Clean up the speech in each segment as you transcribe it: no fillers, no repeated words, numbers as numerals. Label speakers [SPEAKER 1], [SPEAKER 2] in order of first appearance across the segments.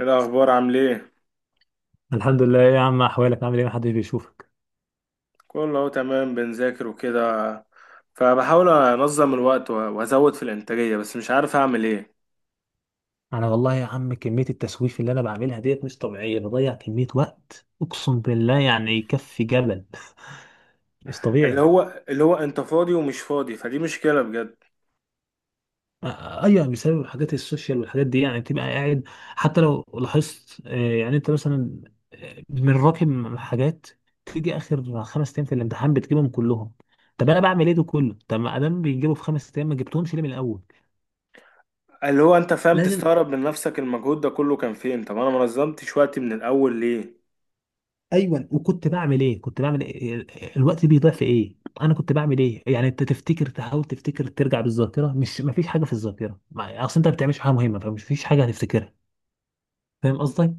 [SPEAKER 1] إيه الأخبار؟ عامل إيه؟
[SPEAKER 2] الحمد لله، إيه يا عم؟ احوالك عامل ايه؟ محدش بيشوفك.
[SPEAKER 1] كله أهو تمام، بنذاكر وكده. فبحاول أنظم الوقت و- وأزود في الإنتاجية، بس مش عارف أعمل إيه.
[SPEAKER 2] انا والله يا عم، كمية التسويف اللي انا بعملها ديت مش طبيعية. بضيع كمية وقت اقسم بالله يعني يكفي جبل. مش
[SPEAKER 1] اللي
[SPEAKER 2] طبيعي.
[SPEAKER 1] هو اللي هو أنت فاضي ومش فاضي، فدي مشكلة بجد.
[SPEAKER 2] ايوه يعني بسبب حاجات السوشيال والحاجات دي يعني بتبقى قاعد. حتى لو لاحظت، يعني انت مثلا، من راكم حاجات. تيجي اخر خمس ايام في الامتحان بتجيبهم كلهم. طب انا بعمل ايه ده كله؟ طب ما ادام بيجيبوا في خمس ايام ما جبتهمش ليه من الاول؟
[SPEAKER 1] اللي هو أنت فاهم،
[SPEAKER 2] لازم.
[SPEAKER 1] تستغرب من نفسك المجهود ده كله كان فين؟ طب أنا منظمتش وقتي من الأول ليه؟
[SPEAKER 2] ايوه، وكنت بعمل ايه؟ كنت بعمل إيه؟ الوقت بيضيع في ايه؟ انا كنت بعمل ايه؟ يعني انت تفتكر، تحاول تفتكر، ترجع بالذاكره مش ما فيش حاجه في الذاكره، اصل انت ما بتعملش حاجه مهمه فمش فيش حاجه هتفتكرها. فاهم قصدي؟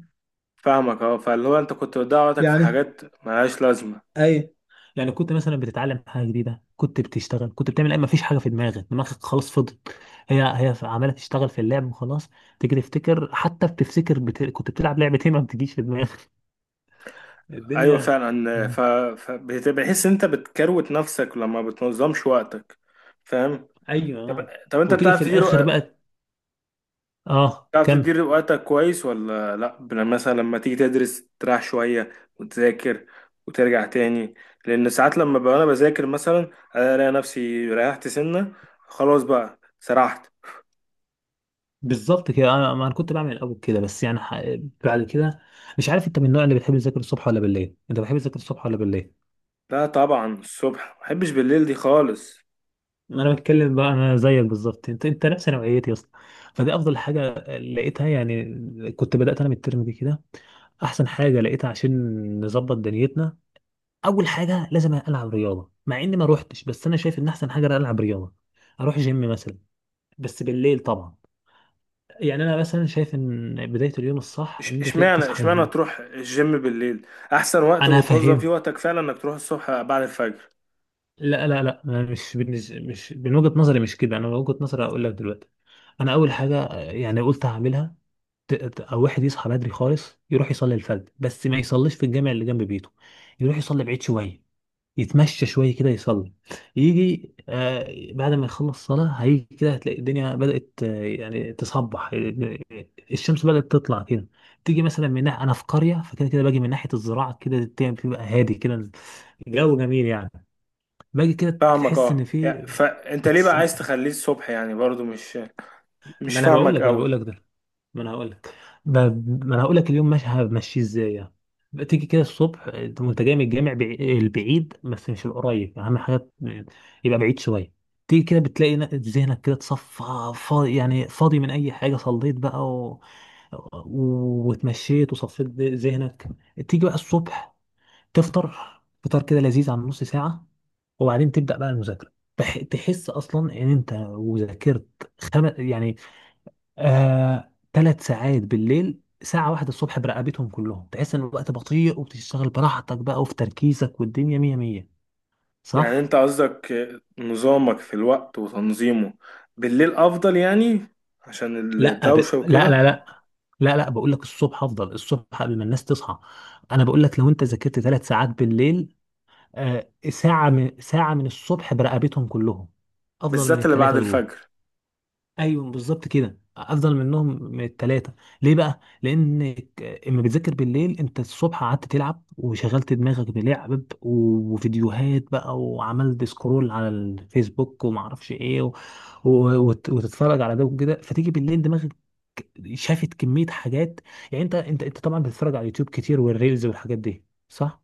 [SPEAKER 1] فاهمك أه. فاللي هو أنت كنت بتضيع وقتك في
[SPEAKER 2] يعني
[SPEAKER 1] حاجات ملهاش لازمة.
[SPEAKER 2] اي، يعني كنت مثلا بتتعلم حاجه جديده، كنت بتشتغل، كنت بتعمل ايه؟ ما فيش حاجه في دماغك، دماغك خلاص فضت. هي هي عماله تشتغل في اللعب وخلاص. تيجي تفتكر، حتى بتفتكر كنت بتلعب لعبه ايه ما بتجيش في دماغك.
[SPEAKER 1] أيوة
[SPEAKER 2] الدنيا.
[SPEAKER 1] فعلا. فبتحس أنت بتكروت نفسك لما بتنظمش وقتك، فاهم؟ طب
[SPEAKER 2] ايوه،
[SPEAKER 1] طب انت
[SPEAKER 2] وتيجي
[SPEAKER 1] بتعرف
[SPEAKER 2] في الاخر
[SPEAKER 1] تدير،
[SPEAKER 2] بقى. اه
[SPEAKER 1] تعرف
[SPEAKER 2] كمل.
[SPEAKER 1] تدير وقتك كويس ولا لا؟ مثلا لما تيجي تدرس تريح شوية وتذاكر وترجع تاني، لأن ساعات لما بقى أنا بذاكر مثلا ألاقي نفسي ريحت سنة، خلاص بقى سرحت.
[SPEAKER 2] بالظبط كده، انا ما انا كنت بعمل الاول كده بس يعني بعد كده. مش عارف انت من النوع اللي بتحب تذاكر الصبح ولا بالليل؟ انت بتحب تذاكر الصبح ولا بالليل؟
[SPEAKER 1] لا طبعا الصبح، محبش بالليل دي خالص.
[SPEAKER 2] انا بتكلم بقى، انا زيك بالظبط، انت نفس نوعيتي يا اسطى. فدي افضل حاجه لقيتها يعني. كنت بدات انا من الترم دي كده، احسن حاجه لقيتها عشان نظبط دنيتنا. اول حاجه لازم العب رياضه، مع اني ما روحتش، بس انا شايف ان احسن حاجه العب رياضه، اروح جيم مثلا، بس بالليل طبعا. يعني انا مثلا شايف ان بدايه اليوم الصح ان انت
[SPEAKER 1] اشمعنى
[SPEAKER 2] تصحى
[SPEAKER 1] اشمعنى
[SPEAKER 2] الجيم.
[SPEAKER 1] تروح الجيم بالليل؟ أحسن وقت
[SPEAKER 2] انا
[SPEAKER 1] وتنظم فيه
[SPEAKER 2] هفهمك.
[SPEAKER 1] وقتك فعلا إنك تروح الصبح بعد الفجر.
[SPEAKER 2] لا لا لا، أنا مش مش من وجهة نظري، مش كده. انا من وجهة نظري اقول لك دلوقتي، انا اول حاجة، يعني قلت هعملها. او واحد يصحى بدري خالص، يروح يصلي الفجر بس ما يصليش في الجامع اللي جنب بيته، يروح يصلي بعيد شوية، يتمشى شوية كده يصلي، يجي بعد ما يخلص صلاة هيجي كده، هتلاقي الدنيا بدأت، يعني تصبح، الشمس بدأت تطلع كده. تيجي مثلا من ناحية، أنا في قرية، فكده كده باجي من ناحية الزراعة كده، الدنيا بتبقى هادي كده، جو جميل يعني. باجي كده
[SPEAKER 1] فاهمك
[SPEAKER 2] تحس ان
[SPEAKER 1] اه،
[SPEAKER 2] في
[SPEAKER 1] فأنت ليه بقى
[SPEAKER 2] بتص...
[SPEAKER 1] عايز تخليه الصبح يعني؟ برضو مش مش
[SPEAKER 2] ما انا بقول
[SPEAKER 1] فاهمك
[SPEAKER 2] لك،
[SPEAKER 1] أوي.
[SPEAKER 2] ده ما انا هقول لك. ب... ما انا هقول لك اليوم ماشي همشيه ازاي يعني. تيجي كده الصبح انت وانت جاي من الجامع، البعيد بس مش القريب، اهم حاجه يبقى بعيد شويه. تيجي كده بتلاقي ذهنك كده اتصفى، فاضي يعني، فاضي من اي حاجه. صليت بقى واتمشيت وصفيت ذهنك. تيجي بقى الصبح تفطر، فطار كده لذيذ عن نص ساعه، وبعدين تبدأ بقى المذاكرة. تحس أصلا إن أنت وذاكرت، يعني، ثلاث ساعات بالليل ساعة واحدة الصبح برقبتهم كلهم. تحس إن الوقت بطيء وبتشتغل براحتك بقى وفي تركيزك والدنيا مية مية.
[SPEAKER 1] يعني
[SPEAKER 2] صح؟
[SPEAKER 1] انت قصدك نظامك في الوقت وتنظيمه بالليل افضل، يعني عشان
[SPEAKER 2] لا.
[SPEAKER 1] الدوشة وكده؟
[SPEAKER 2] لا. لا لا بقول لك الصبح أفضل، الصبح قبل ما الناس تصحى. أنا بقول لك لو أنت ذاكرت ثلاث ساعات بالليل، ساعة من الصبح برقبتهم كلهم، أفضل من
[SPEAKER 1] بالذات اللي بعد
[SPEAKER 2] الثلاثة دول.
[SPEAKER 1] الفجر.
[SPEAKER 2] ايوه بالظبط كده، افضل منهم من التلاتة. ليه بقى؟ لانك اما بتذاكر بالليل، انت الصبح قعدت تلعب وشغلت دماغك بلعب وفيديوهات بقى، وعملت سكرول على الفيسبوك، وما اعرفش ايه و... وتتفرج على ده وكده. فتيجي بالليل دماغك شافت كمية حاجات. يعني انت انت طبعا بتتفرج على اليوتيوب كتير والريلز والحاجات دي، صح؟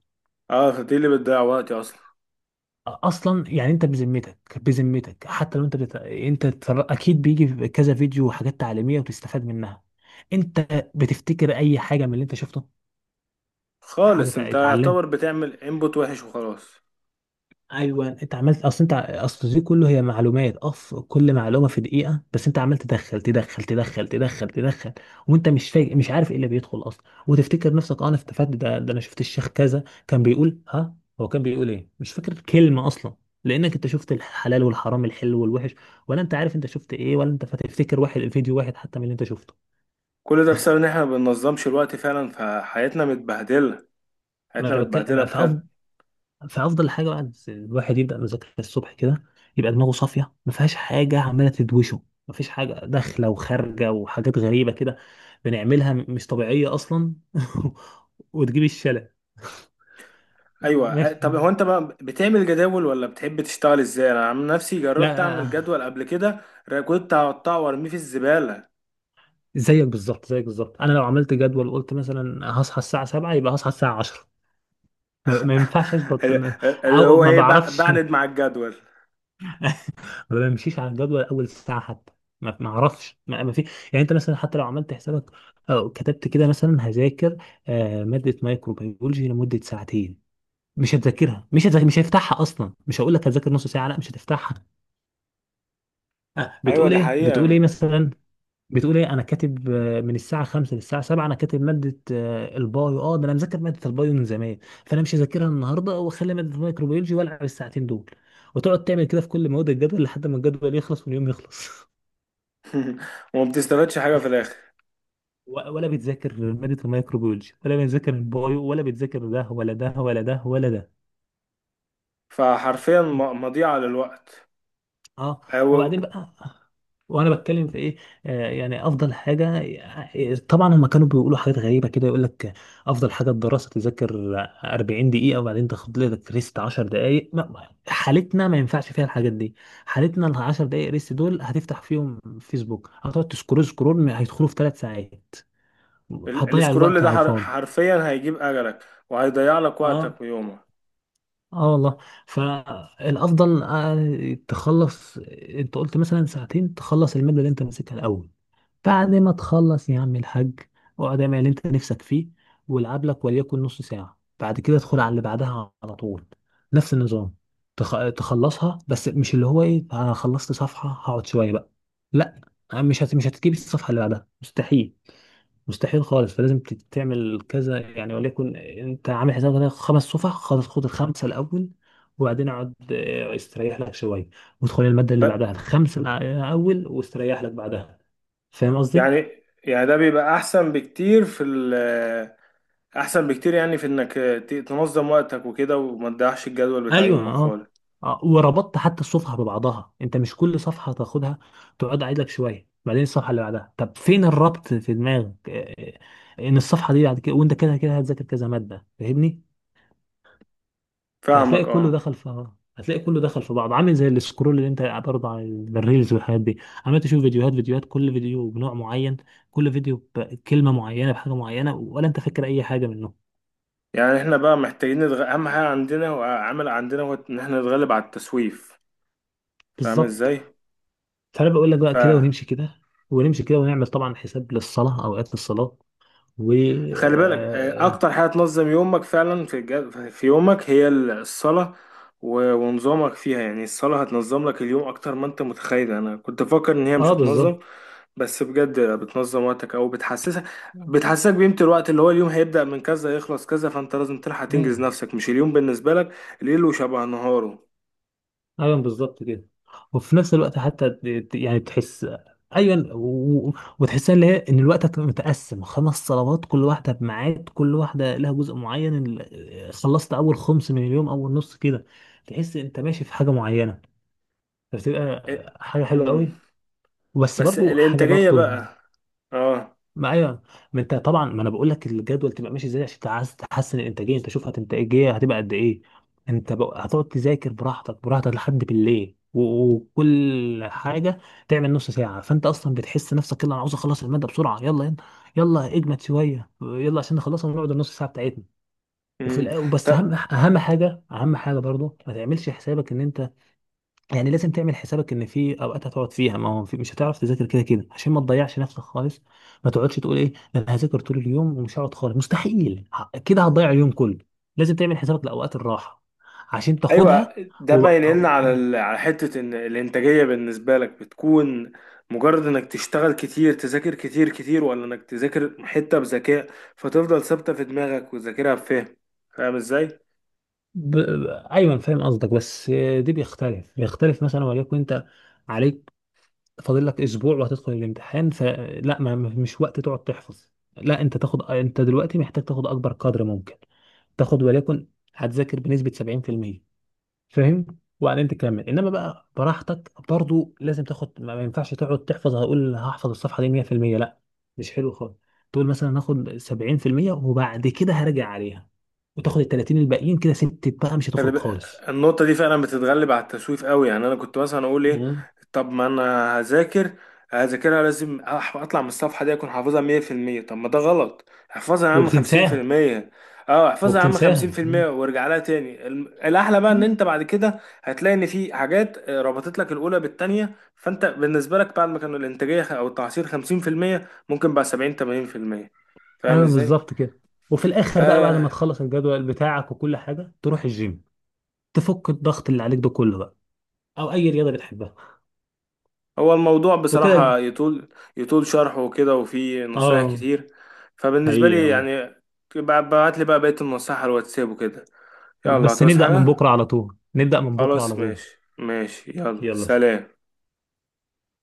[SPEAKER 1] اه، دي اللي بتضيع وقتي اصلا
[SPEAKER 2] اصلا يعني انت بذمتك، بذمتك، حتى لو انت اكيد بيجي في كذا فيديو وحاجات تعليميه وتستفاد منها، انت بتفتكر اي حاجه من اللي انت شفته؟ حاجه
[SPEAKER 1] خالص. انت
[SPEAKER 2] اتعلمت؟
[SPEAKER 1] يعتبر بتعمل انبوت وحش وخلاص.
[SPEAKER 2] ايوه انت عملت، اصل انت، اصل دي كله هي معلومات، اف كل معلومه في دقيقه، بس انت عمال تدخل تدخل وانت مش فايق، مش عارف ايه اللي بيدخل اصلا، وتفتكر نفسك اه انا استفدت، ده ده انا شفت الشيخ كذا كان بيقول ها. هو كان بيقول ايه؟ مش فاكر كلمه اصلا. لانك انت شفت الحلال والحرام، الحلو والوحش، ولا انت عارف انت شفت ايه؟ ولا انت فتفتكر واحد فيديو واحد حتى من اللي انت شفته؟
[SPEAKER 1] كل ده بسبب ان احنا ما بننظمش الوقت فعلا، فحياتنا متبهدلة.
[SPEAKER 2] ما
[SPEAKER 1] حياتنا
[SPEAKER 2] انا
[SPEAKER 1] متبهدلة
[SPEAKER 2] بتكلم، فافضل،
[SPEAKER 1] بجد.
[SPEAKER 2] فافضل حاجه بعد الواحد يبدا مذاكره الصبح كده، يبقى دماغه صافيه، ما فيهاش حاجه عماله تدوشه، ما فيش حاجه داخله وخارجه وحاجات غريبه كده بنعملها مش طبيعيه اصلا. وتجيب الشلل.
[SPEAKER 1] ايوه. اه،
[SPEAKER 2] ماشي.
[SPEAKER 1] طب هو انت بقى بتعمل جداول ولا بتحب تشتغل ازاي؟ انا عن نفسي جربت
[SPEAKER 2] لا،
[SPEAKER 1] اعمل جدول قبل كده، كنت هقطعه وارميه في الزبالة.
[SPEAKER 2] زيك بالظبط، زيك بالظبط. انا لو عملت جدول وقلت مثلا هصحى الساعه 7، يبقى هصحى الساعه 10. ما ينفعش اظبط
[SPEAKER 1] اللي
[SPEAKER 2] او
[SPEAKER 1] هو
[SPEAKER 2] ما
[SPEAKER 1] ايه،
[SPEAKER 2] بعرفش.
[SPEAKER 1] بعند مع الجدول.
[SPEAKER 2] ما بمشيش على الجدول اول ساعه حتى، ما اعرفش، ما في. يعني انت مثلا حتى لو عملت حسابك او كتبت كده مثلا هذاكر، ماده مايكروبيولوجي لمده ساعتين، مش هتذاكرها، مش هتذاكر، مش هفتحها اصلا. مش هقول لك هتذاكر نص ساعه، لا مش هتفتحها.
[SPEAKER 1] ايوه
[SPEAKER 2] بتقول
[SPEAKER 1] دي
[SPEAKER 2] ايه؟ بتقول ايه
[SPEAKER 1] حقيقة
[SPEAKER 2] مثلا؟ بتقول ايه؟ انا كاتب، من الساعه 5 للساعه 7 انا كاتب ماده، البايو، اه ده انا مذاكر ماده البايو من زمان، فانا مش هذاكرها النهارده، واخلي ماده الميكروبيولوجي والعب الساعتين دول. وتقعد تعمل كده في كل مواد الجدول لحد ما الجدول يخلص واليوم يخلص.
[SPEAKER 1] وما بتستفادش حاجة في الاخر،
[SPEAKER 2] ولا بتذاكر مادة الميكروبيولوجي، ولا بتذاكر البايو، ولا بتذاكر ده ولا ده ولا ده ولا ده.
[SPEAKER 1] فحرفيا مضيعة للوقت.
[SPEAKER 2] اه.
[SPEAKER 1] هو
[SPEAKER 2] وبعدين بقى، وانا بتكلم في ايه؟ يعني افضل حاجه، طبعا هم كانوا بيقولوا حاجات غريبه كده، يقول لك افضل حاجه الدراسه تذاكر 40 دقيقه وبعدين تاخد لك ريست 10 دقائق. حالتنا ما ينفعش فيها الحاجات دي. حالتنا ال 10 دقائق ريست دول هتفتح فيهم فيسبوك، هتقعد تسكرول سكرول، هيدخلوا في ثلاث ساعات. هتضيع
[SPEAKER 1] السكرول
[SPEAKER 2] الوقت
[SPEAKER 1] ده
[SPEAKER 2] على الفاضي.
[SPEAKER 1] حرفيا هيجيب اجلك، وهيضيع لك
[SPEAKER 2] اه،
[SPEAKER 1] وقتك ويومك.
[SPEAKER 2] اه والله. فالافضل، تخلص. انت قلت مثلا ساعتين تخلص الماده اللي انت ماسكها الاول. بعد ما تخلص يا عم الحاج، اقعد اعمل اللي انت نفسك فيه، والعب لك وليكن نص ساعه، بعد كده ادخل على اللي بعدها على طول، نفس النظام. تخلصها، بس مش اللي هو ايه انا خلصت صفحه هقعد شويه بقى، لا. مش هتجيب الصفحه اللي بعدها، مستحيل، مستحيل خالص. فلازم تعمل كذا يعني. وليكن انت عامل حسابك هنا خمس صفح، خلاص خد الخمسه الاول، وبعدين اقعد استريح لك شويه، وادخل الماده اللي بعدها
[SPEAKER 1] ب-
[SPEAKER 2] الخمسه الاول، واستريح لك بعدها. فاهم قصدي؟
[SPEAKER 1] يعني ده بيبقى احسن بكتير في ال احسن بكتير يعني في انك تنظم وقتك وكده وما تضيعش الجدول بتاع
[SPEAKER 2] ايوه،
[SPEAKER 1] يومك
[SPEAKER 2] اه.
[SPEAKER 1] خالص.
[SPEAKER 2] اه، وربطت حتى الصفحه ببعضها. انت مش كل صفحه تاخدها، تقعد قاعد لك شويه، بعدين الصفحه اللي بعدها، طب فين الربط في دماغك؟ اه، اه، ان الصفحه دي بعد كده، وانت كده كده هتذاكر كذا ماده، فاهمني؟ فهتلاقي
[SPEAKER 1] فاهمك
[SPEAKER 2] كله
[SPEAKER 1] اه.
[SPEAKER 2] دخل في، هتلاقي كله دخل في بعض، عامل زي السكرول اللي انت برضه على الريلز والحاجات دي، عمال تشوف فيديوهات فيديوهات، كل فيديو بنوع معين، كل فيديو بكلمة معينة بحاجة معينة، ولا انت فاكر اي حاجة منه؟
[SPEAKER 1] يعني احنا بقى محتاجين اهم حاجة عندنا وعامل عندنا هو ان احنا نتغلب على التسويف، فاهم
[SPEAKER 2] بالظبط.
[SPEAKER 1] ازاي؟
[SPEAKER 2] فانا بقول لك بقى كده
[SPEAKER 1] فخلي
[SPEAKER 2] ونمشي كده، ونمشي كده، ونعمل طبعا حساب للصلاة، اوقات للصلاة. و
[SPEAKER 1] بالك،
[SPEAKER 2] اه
[SPEAKER 1] اكتر حاجه تنظم يومك فعلا في يومك هي الصلاه. و- ونظامك فيها، يعني الصلاه هتنظم لك اليوم اكتر ما انت متخيل. انا كنت فاكر ان هي مش
[SPEAKER 2] آه،
[SPEAKER 1] هتنظم،
[SPEAKER 2] بالظبط.
[SPEAKER 1] بس بجد بتنظم وقتك او بتحسسك بقيمه الوقت. اللي هو اليوم هيبدا من كذا يخلص كذا، فانت لازم تلحق تنجز
[SPEAKER 2] أيوة.
[SPEAKER 1] نفسك. مش اليوم بالنسبه لك ليله شبه نهاره.
[SPEAKER 2] ايوه بالظبط كده. وفي نفس الوقت حتى يعني تحس، ايوه و- و- وتحسها اللي هي ان الوقت هتبقى متقسم خمس صلوات، كل واحده بميعاد، كل واحده لها جزء معين. خلصت اول خمس من اليوم، اول نص كده تحس انت ماشي في حاجه معينه. فبتبقى
[SPEAKER 1] إيه،
[SPEAKER 2] حاجه حلوه
[SPEAKER 1] مم.
[SPEAKER 2] قوي. بس
[SPEAKER 1] بس
[SPEAKER 2] برضو حاجه
[SPEAKER 1] الانتاجيه
[SPEAKER 2] برضو،
[SPEAKER 1] بقى، اه.
[SPEAKER 2] ما ايوه. ما انت طبعا، ما انا بقول لك الجدول تبقى ماشي ازاي عشان انت عايز تحسن الانتاجيه، انت شوف هتنتاجيه هتبقى قد ايه. انت بقى هتقعد تذاكر براحتك براحتك لحد بالليل وكل حاجه تعمل نص ساعه، فانت اصلا بتحس نفسك يلا انا عاوز اخلص الماده بسرعه، يلا يلا يلا اجمد شويه يلا عشان نخلصها ونقعد النص ساعه بتاعتنا.
[SPEAKER 1] مم.
[SPEAKER 2] بس اهم
[SPEAKER 1] طب
[SPEAKER 2] اهم حاجه، اهم حاجه برضو ما تعملش حسابك ان انت، يعني لازم تعمل حسابك ان في اوقات هتقعد فيها ما هو في مش هتعرف تذاكر كده كده، عشان ما تضيعش نفسك خالص. ما تقعدش تقول ايه ده انا هذاكر طول اليوم ومش هقعد خالص، مستحيل، كده هتضيع اليوم كله. لازم تعمل حسابك لاوقات الراحه عشان
[SPEAKER 1] ايوه
[SPEAKER 2] تاخدها.
[SPEAKER 1] ده
[SPEAKER 2] و...
[SPEAKER 1] باين لنا
[SPEAKER 2] أو...
[SPEAKER 1] على على حته ان الانتاجيه بالنسبه لك بتكون مجرد انك تشتغل كتير، تذاكر كتير كتير، ولا انك تذاكر حته بذكاء فتفضل ثابته في دماغك وتذاكرها بفهم. فاهم ازاي؟
[SPEAKER 2] ب... ب... ايوه أنا فاهم قصدك. بس دي بيختلف، بيختلف مثلا. وليكن انت عليك فاضل لك اسبوع وهتدخل الامتحان، فلا مش وقت تقعد تحفظ، لا. انت تاخد، انت دلوقتي محتاج تاخد اكبر قدر ممكن. تاخد وليكن هتذاكر بنسبة 70%، فاهم؟ وبعدين تكمل انما بقى براحتك. برضو لازم تاخد، ما ينفعش تقعد تحفظ هقول هحفظ الصفحة دي 100%، لا، مش حلو خالص. تقول مثلا هاخد 70% وبعد كده هرجع عليها، وتاخد ال 30 الباقيين كده ستة بقى، مش
[SPEAKER 1] خلي
[SPEAKER 2] هتخرج خالص.
[SPEAKER 1] النقطة دي فعلا بتتغلب على التسويف قوي. يعني أنا كنت مثلا أقول إيه؟
[SPEAKER 2] مم.
[SPEAKER 1] طب ما أنا هذاكر، هذاكرها لازم أطلع من الصفحة دي أكون حافظها 100%. طب ما ده غلط. احفظها يا عم خمسين في
[SPEAKER 2] وبتنساها.
[SPEAKER 1] المية أه احفظها يا عم خمسين
[SPEAKER 2] وبتنساها.
[SPEAKER 1] في المية وارجع لها تاني. الأحلى بقى إن
[SPEAKER 2] مم.
[SPEAKER 1] أنت بعد كده هتلاقي إن في حاجات ربطت لك الأولى بالتانية. فأنت بالنسبة لك بعد ما كانوا الإنتاجية أو التعصير خمسين في المية، ممكن بقى 70-80%. فاهم
[SPEAKER 2] ايوه
[SPEAKER 1] إزاي؟
[SPEAKER 2] بالظبط كده. وفي الاخر بقى بعد
[SPEAKER 1] آه.
[SPEAKER 2] ما تخلص الجدول بتاعك وكل حاجه، تروح الجيم، تفك الضغط اللي عليك ده كله بقى، او اي رياضه بتحبها،
[SPEAKER 1] هو الموضوع
[SPEAKER 2] وكده.
[SPEAKER 1] بصراحة يطول. يطول شرحه وكده وفيه نصايح
[SPEAKER 2] اه.
[SPEAKER 1] كتير. فبالنسبة
[SPEAKER 2] حقيقي
[SPEAKER 1] لي
[SPEAKER 2] والله.
[SPEAKER 1] يعني بعت لي بقى بقية النصائح على الواتساب وكده. يلا،
[SPEAKER 2] بس
[SPEAKER 1] هتعوز
[SPEAKER 2] نبدا من
[SPEAKER 1] حاجة؟
[SPEAKER 2] بكره على طول، نبدا من بكره
[SPEAKER 1] خلاص
[SPEAKER 2] على طول.
[SPEAKER 1] ماشي ماشي، يلا
[SPEAKER 2] يلا.
[SPEAKER 1] سلام.